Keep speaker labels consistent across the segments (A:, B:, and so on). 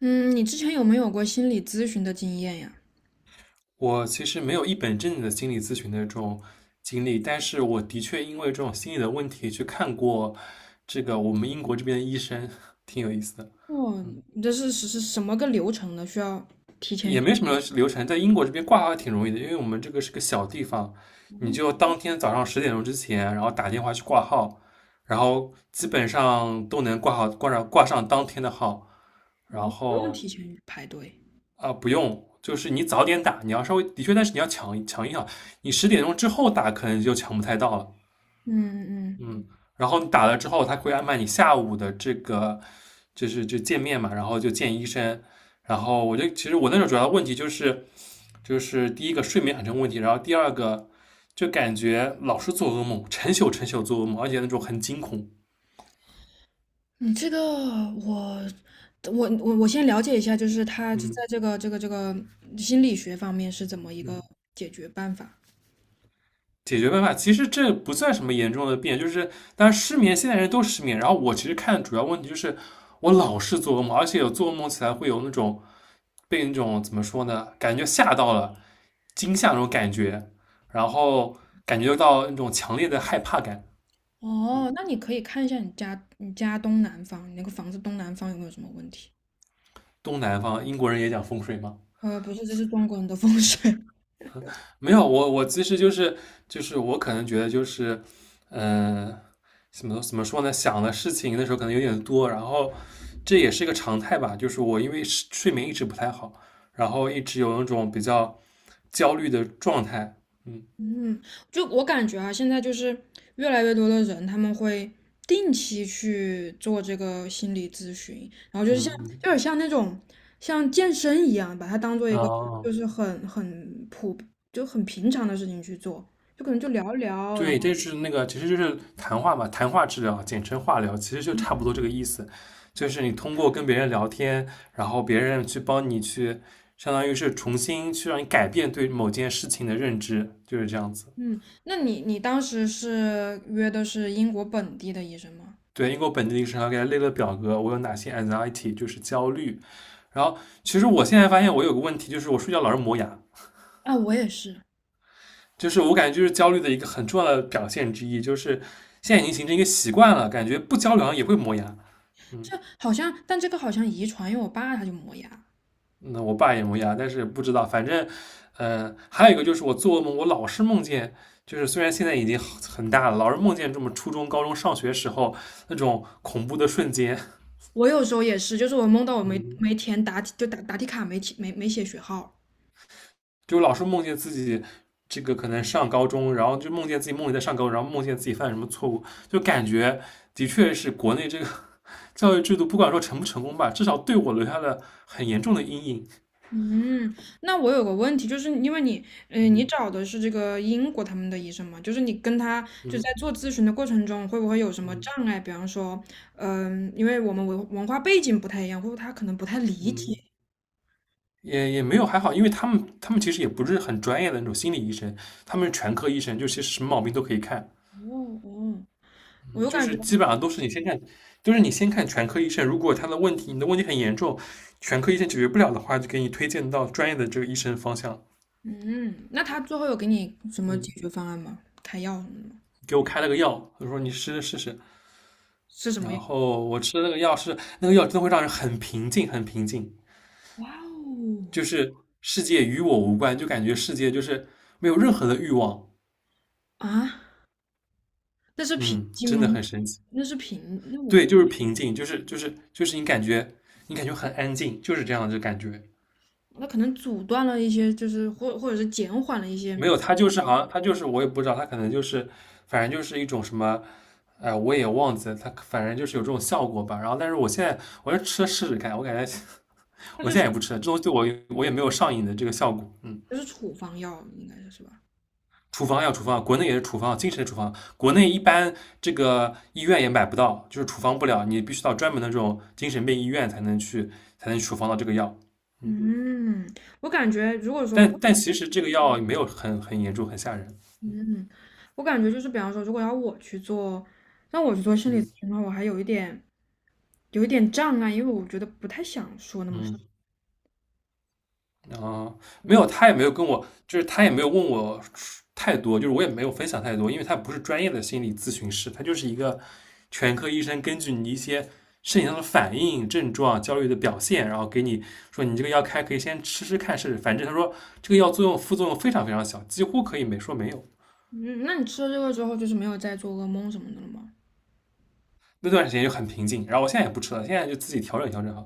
A: 嗯，你之前有没有过心理咨询的经验呀？
B: 我其实没有一本正经的心理咨询的这种经历，但是我的确因为这种心理的问题去看过这个我们英国这边的医生，挺有意思的。
A: 哦，
B: 嗯，
A: 你这是什么个流程呢？需要提前
B: 也
A: 预
B: 没什么流程，在英国这边挂号挺容易的，因为我们这个是个小地方，你就当天早上十点钟之前，然后打电话去挂号，然后基本上都能挂上当天的号，然
A: 哦，不用
B: 后
A: 提前预排队。
B: 啊，不用。就是你早点打，你要稍微的确，但是你要抢一抢，你十点钟之后打可能就抢不太到了。
A: 嗯嗯，
B: 嗯，然后你打了之后，他会安排你下午的这个，就是就见面嘛，然后就见医生。然后其实我那时候主要的问题就是第一个睡眠很成问题，然后第二个就感觉老是做噩梦，成宿成宿做噩梦，而且那种很惊恐。
A: 你这个我我先了解一下，就是他
B: 嗯
A: 在这个心理学方面是怎么一个
B: 嗯。
A: 解决办法？
B: 解决办法，其实这不算什么严重的病，就是当然失眠，现在人都失眠。然后我其实看主要问题就是我老是做噩梦，而且有做噩梦起来会有那种被那种怎么说呢，感觉吓到了，惊吓那种感觉，然后感觉到那种强烈的害怕感。
A: 哦，那你可以看一下你家东南方，你那个房子东南方有没有什么问题？
B: 东南方英国人也讲风水嘛，
A: 呃，不是，这是中国人的风水。
B: 没有，我其实就是我可能觉得就是，嗯，怎么说呢？想的事情那时候可能有点多，然后这也是一个常态吧。就是我因为是睡眠一直不太好，然后一直有那种比较焦虑的状态。嗯
A: 嗯，就我感觉啊，现在就是越来越多的人，他们会定期去做这个心理咨询，然后就是像，有
B: 嗯
A: 点像那种像健身一样，把它当做一
B: 嗯，
A: 个就
B: 哦，
A: 是很很普就很平常的事情去做，就可能就聊一聊，然
B: 对，
A: 后
B: 这是那个，其实就是谈话嘛，谈话治疗，简称话疗，其实就差不多这个意思。就是你通过跟别人聊天，然后别人去帮你去，相当于是重新去让你改变对某件事情的认知，就是这样子。
A: 嗯，那你你当时是约的是英国本地的医生吗？
B: 对，因为我本地医生还给他列了表格，我有哪些 anxiety，就是焦虑。然后其实我现在发现我有个问题，就是我睡觉老是磨牙，
A: 啊，我也是，
B: 就是我感觉就是焦虑的一个很重要的表现之一，就是现在已经形成一个习惯了，感觉不焦虑好像也会磨牙。嗯。
A: 这好像，但这个好像遗传，因为我爸他就磨牙。
B: 那我爸也磨牙，但是不知道，反正，呃，还有一个就是我做噩梦，我老是梦见，就是虽然现在已经很大了，老是梦见这么初中、高中上学时候那种恐怖的瞬间，
A: 我有时候也是，就是我梦到我没
B: 嗯，
A: 没填答题，就答题卡没填没没写学号。
B: 就老是梦见自己这个可能上高中，然后就梦见自己梦里在上高中，然后梦见自己犯什么错误，就感觉的确是国内这个 教育制度，不管说成不成功吧，至少对我留下了很严重的阴影，
A: 嗯，那我有个问题，就是因为你，你找的是这个英国他们的医生嘛，就是你跟他就在
B: 嗯
A: 做咨询的过程中，会不会有什么
B: 嗯
A: 障碍？比方说，因为我们文化背景不太一样，或者他可能不太理解。
B: 嗯。也没有还好，因为他们其实也不是很专业的那种心理医生，他们是全科医生，就其实什么毛病都可以看，
A: 哦哦，我
B: 嗯
A: 就
B: 就
A: 感
B: 是
A: 觉，
B: 基本上都是你先看，就是你先看全科医生，如果他的问题你的问题很严重，全科医生解决不了的话，就给你推荐到专业的这个医生方向。
A: 嗯，那他最后有给你什么解
B: 嗯，
A: 决方案吗？开药什么的吗？
B: 给我开了个药，他说你吃试试，
A: 是什
B: 然
A: 么药？
B: 后我吃了那个药是那个药真的会让人很平静，很平静，
A: 哇
B: 就
A: 哦，
B: 是世界与我无关，就感觉世界就是没有任何的欲望，
A: 啊！那是平
B: 嗯，
A: 颈
B: 真的
A: 吗？
B: 很神奇。
A: 那是平，那我
B: 对，就是平静，就是你感觉很安静，就是这样的感觉。
A: 那可能阻断了一些，就是或者是减缓了一些，
B: 没有，他就是好像他就是我也不知道，他可能就是反正就是一种什么，哎、我也忘记了，他反正就是有这种效果吧。然后，但是我现在我要吃了试试看，我感觉
A: 那
B: 我
A: 就
B: 现
A: 是
B: 在也不吃了，这东西对我也没有上瘾的这个效果。嗯，
A: 就是处方药，应该是是吧？
B: 处方药，国内也是处方药，精神处方药，国内一般这个医院也买不到，就是处方不了，你必须到专门的这种精神病医院才能去才能处方到这个药。
A: 嗯，我感觉如果说，
B: 但其实这个药没有很严重，很吓人。
A: 嗯，我感觉就是比方说，如果要我去做，让我去做心理咨
B: 嗯
A: 询的话，我还有一点障碍，因为我觉得不太想说那么。
B: 嗯，然后没有，他也没有跟我，就是他也没有问我太多，就是我也没有分享太多，因为他不是专业的心理咨询师，他就是一个全科医生，根据你一些身体上的反应、症状、焦虑的表现，然后给你说你这个药开可以先吃吃看试试。反正他说这个药作用副作用非常非常小，几乎可以没说没有。
A: 嗯，那你吃了这个之后，就是没有再做噩梦什么的了吗？
B: 那段时间就很平静，然后我现在也不吃了，现在就自己调整调整哈。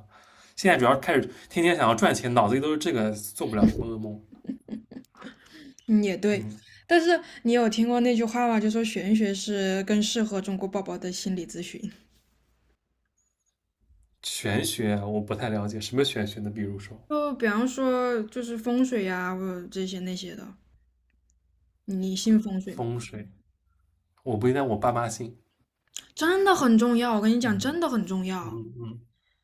B: 现在主要开始天天想要赚钱，脑子里都是这个，做不了什么噩梦。
A: 嗯，也对。
B: 嗯，
A: 但是你有听过那句话吗？就说玄学是更适合中国宝宝的心理咨询。
B: 玄学啊我不太了解，什么玄学呢？比如说
A: 就比方说，就是风水呀，或者这些那些的，你信风水吗？
B: 风水，我不该我爸妈信，
A: 真的很重要，我跟你讲，
B: 嗯
A: 真的很重要。
B: 嗯嗯，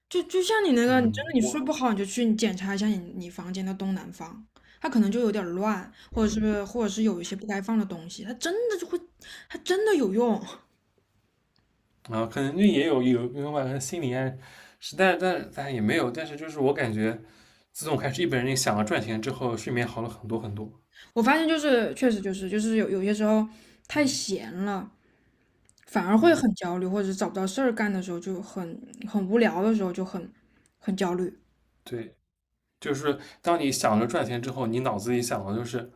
A: 就就像你那个，你
B: 嗯，
A: 真的你睡
B: 我
A: 不好，你就去你检查一下你房间的东南方，它可能就有点儿乱，或者是有一些不该放的东西，它真的就会，它真的有用。
B: 啊，可能就也有吧，可能心理暗示，在但是也没有，但是就是我感觉，自从开始一本人想要赚钱之后，睡眠好了很多很多。
A: 我发现就是确实有有些时候太闲了，反而会很
B: 嗯，
A: 焦虑，或者是找不到事儿干的时候就很很无聊的时候就很很焦虑。
B: 对，就是当你想着赚钱之后，你脑子里想的就是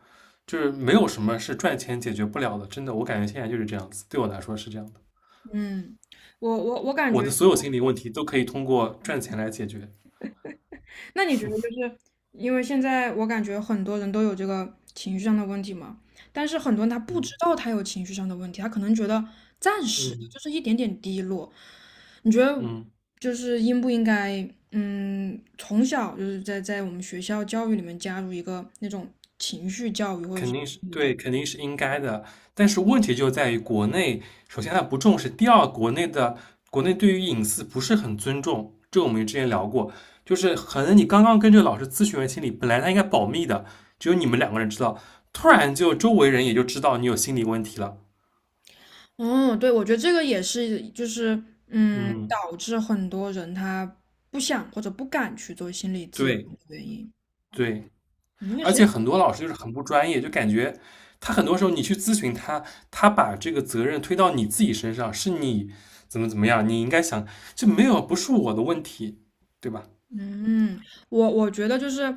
B: 就是没有什么是赚钱解决不了的。真的，我感觉现在就是这样子，对我来说是这样的。
A: 嗯，我感
B: 我
A: 觉，
B: 的所有心理问题都可以通过赚钱来解决。
A: 那你觉得就是因为现在我感觉很多人都有这个情绪上的问题嘛，但是很多人他不知
B: 嗯
A: 道他有情绪上的问题，他可能觉得暂时的
B: 嗯
A: 就是一点点低落。你觉得
B: 嗯。
A: 就是应不应该，嗯，从小就是在我们学校教育里面加入一个那种情绪教育或者
B: 肯
A: 是
B: 定是
A: 心理
B: 对，肯定是应该的。但是问题就在于国内，首先他不重视，第二，国内对于隐私不是很尊重。这我们之前聊过，就是可能你刚刚跟这个老师咨询完心理，本来他应该保密的，只有你们两个人知道，突然就周围人也就知道你有心理问题了。
A: 哦，对，我觉得这个也是，就是嗯，
B: 嗯，
A: 导致很多人他不想或者不敢去做心理咨询
B: 对
A: 的原因。
B: 对。
A: 嗯因为
B: 而
A: 谁？
B: 且很多老师就是很不专业，就感觉他很多时候你去咨询他，他把这个责任推到你自己身上，是你怎么怎么样，你应该想，就没有不是我的问题，对吧？
A: 嗯，我觉得就是，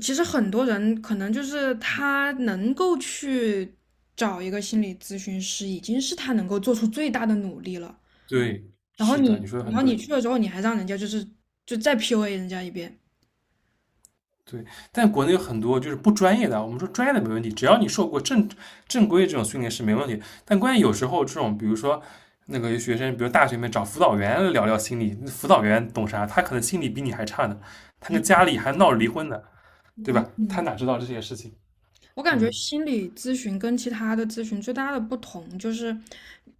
A: 其实很多人可能就是他能够去找一个心理咨询师，已经是他能够做出最大的努力了。
B: 对，
A: 然后
B: 是的，
A: 你，
B: 你说的
A: 然
B: 很
A: 后你
B: 对，
A: 去了之后，你还让人家就是就再 PUA 人家一遍。
B: 对。但国内有很多就是不专业的，我们说专业的没问题，只要你受过正规这种训练是没问题。但关键有时候这种，比如说那个有学生，比如大学里面找辅导员聊聊心理，辅导员懂啥？他可能心理比你还差呢，他跟家里还闹离婚呢。对吧？他
A: 嗯。
B: 哪知道这些事情？
A: 我感觉
B: 嗯
A: 心理咨询跟其他的咨询最大的不同，就是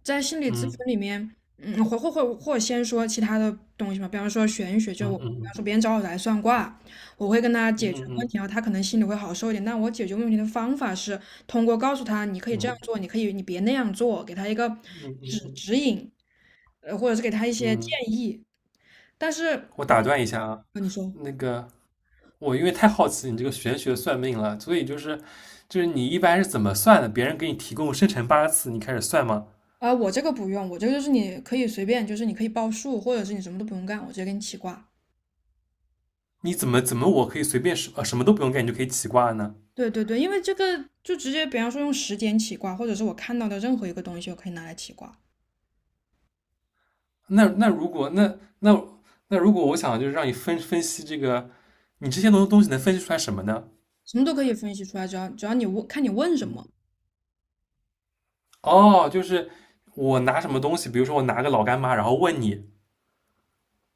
A: 在心理咨询
B: 嗯
A: 里面，嗯，或先说其他的东西嘛，比方说玄学，就
B: 嗯
A: 我比
B: 嗯
A: 方
B: 嗯
A: 说别人找我来算卦，我会跟他解
B: 嗯
A: 决问
B: 嗯
A: 题，然后他可能心里会好受一点。但我解决问题的方法是通过告诉他，你可以这样
B: 嗯
A: 做，你可以你别那样做，给他一个指
B: 嗯
A: 指引，呃，或者是给他一些建
B: 嗯，
A: 议。但是，
B: 我打断一下啊，
A: 呃你说。
B: 那个我因为太好奇你这个玄学算命了，所以就是你一般是怎么算的？别人给你提供生辰八字，你开始算吗？
A: 啊，我这个不用，我这个就是你可以随便，就是你可以报数，或者是你什么都不用干，我直接给你起卦。
B: 你怎么我可以随便什么都不用干，你就可以起卦呢？
A: 对对对，因为这个就直接，比方说用时间起卦，或者是我看到的任何一个东西，我可以拿来起卦，
B: 那那如果那那那如果我想就是让你分析这个，你这些东西能分析出来什么呢？
A: 什么都可以分析出来，只要你问，看你问什么，
B: 哦，就是我拿什么东西，比如说我拿个老干妈，然后问你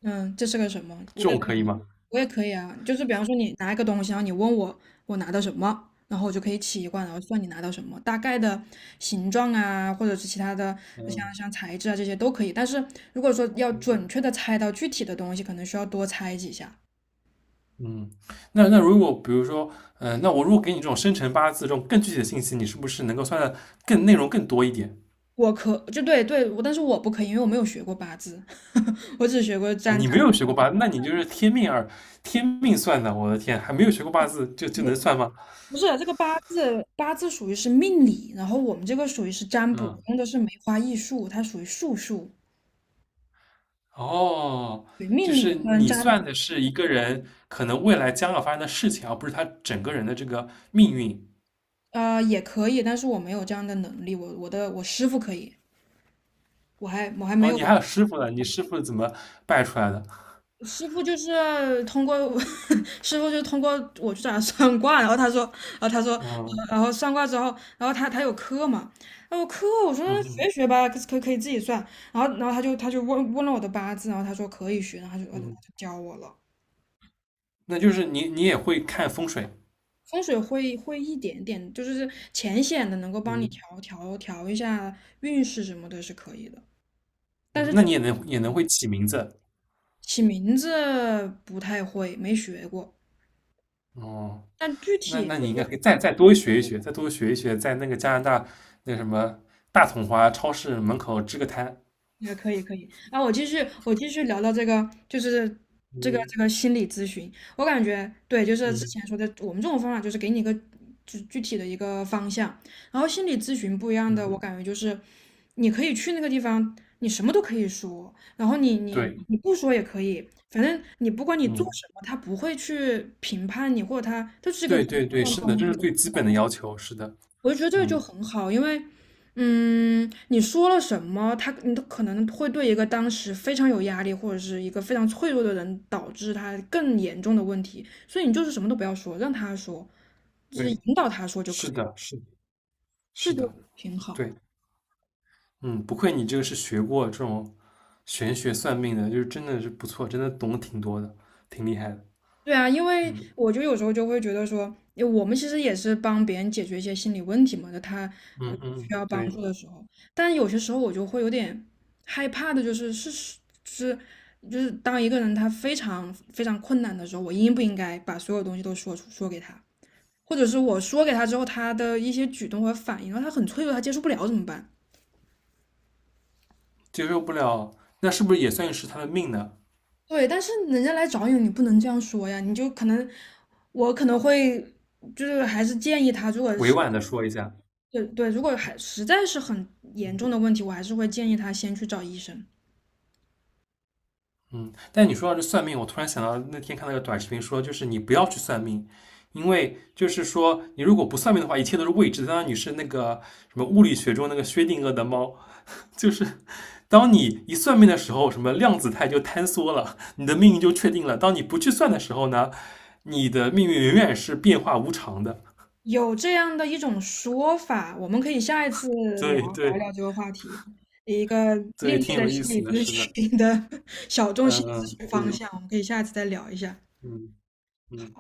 A: 嗯，这是个什么，
B: 这
A: 我也
B: 种
A: 可以，
B: 可以吗？
A: 我也可以啊，就是比方说你拿一个东西，然后你问我我拿到什么，然后我就可以起一卦，然后算你拿到什么，大概的形状啊，或者是其他的
B: 嗯，
A: 像材质啊这些都可以，但是如果说要准确的猜到具体的东西，可能需要多猜几下。
B: 嗯，那如果比如说，呃，那我如果给你这种生辰八字这种更具体的信息，你是不是能够算的更内容更多一点
A: 我可就对对，我但是我不可以，因为我没有学过八字，我只学过
B: 啊？
A: 占
B: 你
A: 占。
B: 没有学过八，那你就是天命二，天命算的，我的天，还没有学过八字就
A: 不
B: 能算吗？
A: 不是这个八字，八字属于是命理，然后我们这个属于是占卜，
B: 嗯，
A: 用的是梅花易数，它属于术数。
B: 哦，
A: 对，
B: 就
A: 命
B: 是
A: 理跟
B: 你
A: 占
B: 算
A: 卜，
B: 的是一个人可能未来将要发生的事情，而不是他整个人的这个命运。
A: 啊呃也可以，但是我没有这样的能力，我师傅可以，我还没
B: 哦，
A: 有，
B: 你还有师傅呢，你师傅怎么拜出来的？
A: 师傅就是通过 师傅就是通过我去找他算卦，然后他说，然后他说，呃
B: 嗯
A: 然后算卦之后，然后他他有课嘛，他后课我说
B: 嗯嗯，
A: 学一学吧，可以自己算，然后他就问了我的八字，然后他说可以学，然后他就
B: 嗯
A: 教我了。
B: 那就是你也会看风水。
A: 风水会一点点，就是浅显的能够帮你
B: 嗯，
A: 调一下运势什么的，是可以的。但
B: 嗯
A: 是
B: 那
A: 只
B: 你也能会起名字
A: 起名字不太会，没学过。
B: 哦。
A: 但具
B: 那
A: 体
B: 那
A: 就
B: 你
A: 是
B: 应该可以再多学一学，再多学一学，在那个加拿大那什么大统华超市门口支个摊。
A: 也可以可以啊，我继续聊到这个，就是这个
B: 嗯
A: 这个心理咨询，我感觉对，就是之
B: 嗯
A: 前说的，我们这种方法就是给你一个具体的一个方向，然后心理咨询不一样的，
B: 嗯，
A: 我感觉就是你可以去那个地方，你什么都可以说，然后你你
B: 对，
A: 你不说也可以，反正你不管你做
B: 嗯
A: 什么，他不会去评判你，或者他他就是一个
B: 对
A: 中
B: 对对，是的，这
A: 中
B: 是
A: 立的。
B: 最基本的要求。是的，
A: 我就觉得这个就
B: 嗯，
A: 很好，因为，嗯，你说了什么，他你都可能会对一个当时非常有压力或者是一个非常脆弱的人，导致他更严重的问题，所以你就是什么都不要说，让他说，就是
B: 对，
A: 引导他说就可
B: 是
A: 以了
B: 的，是的是
A: 这就
B: 的，
A: 挺好。
B: 对，嗯，不愧你这个是学过这种玄学算命的，就是真的是不错，真的懂得挺多的，挺厉害的。
A: 对啊，因为
B: 嗯
A: 我就有时候就会觉得说，因为我们其实也是帮别人解决一些心理问题嘛，就他呃
B: 嗯
A: 需
B: 嗯，
A: 要帮
B: 对。
A: 助的时候，但有些时候我就会有点害怕的、就是，是，就是当一个人他非常非常困难的时候，我应不应该把所有东西都说出说给他，或者是我说给他之后，他的一些举动和反应，然后他很脆弱，他接受不了怎么办？
B: 接受不了，那是不是也算是他的命呢？
A: 对，但是人家来找你，你不能这样说呀，你就可能我可能会就是还是建议他，如果
B: 委
A: 是。
B: 婉的说一下，
A: 对对，如果还实在是很严重的问题，我还是会建议他先去找医生。
B: 嗯。但你说到这算命，我突然想到那天看那个短视频说，就是你不要去算命，因为就是说你如果不算命的话，一切都是未知的。当然你是那个什么物理学中那个薛定谔的猫，就是当你一算命的时候，什么量子态就坍缩了，你的命运就确定了。当你不去算的时候呢，你的命运永远是变化无常的。
A: 有这样的一种说法，我们可以下一次聊
B: 对
A: 聊
B: 对
A: 聊这个话题，一个另
B: 对，挺
A: 类的
B: 有意
A: 心理
B: 思的，
A: 咨
B: 是的，
A: 询的 小众心
B: 嗯
A: 理咨
B: 嗯，
A: 询方
B: 对，
A: 向，我们可以下一次再聊一下。
B: 嗯嗯。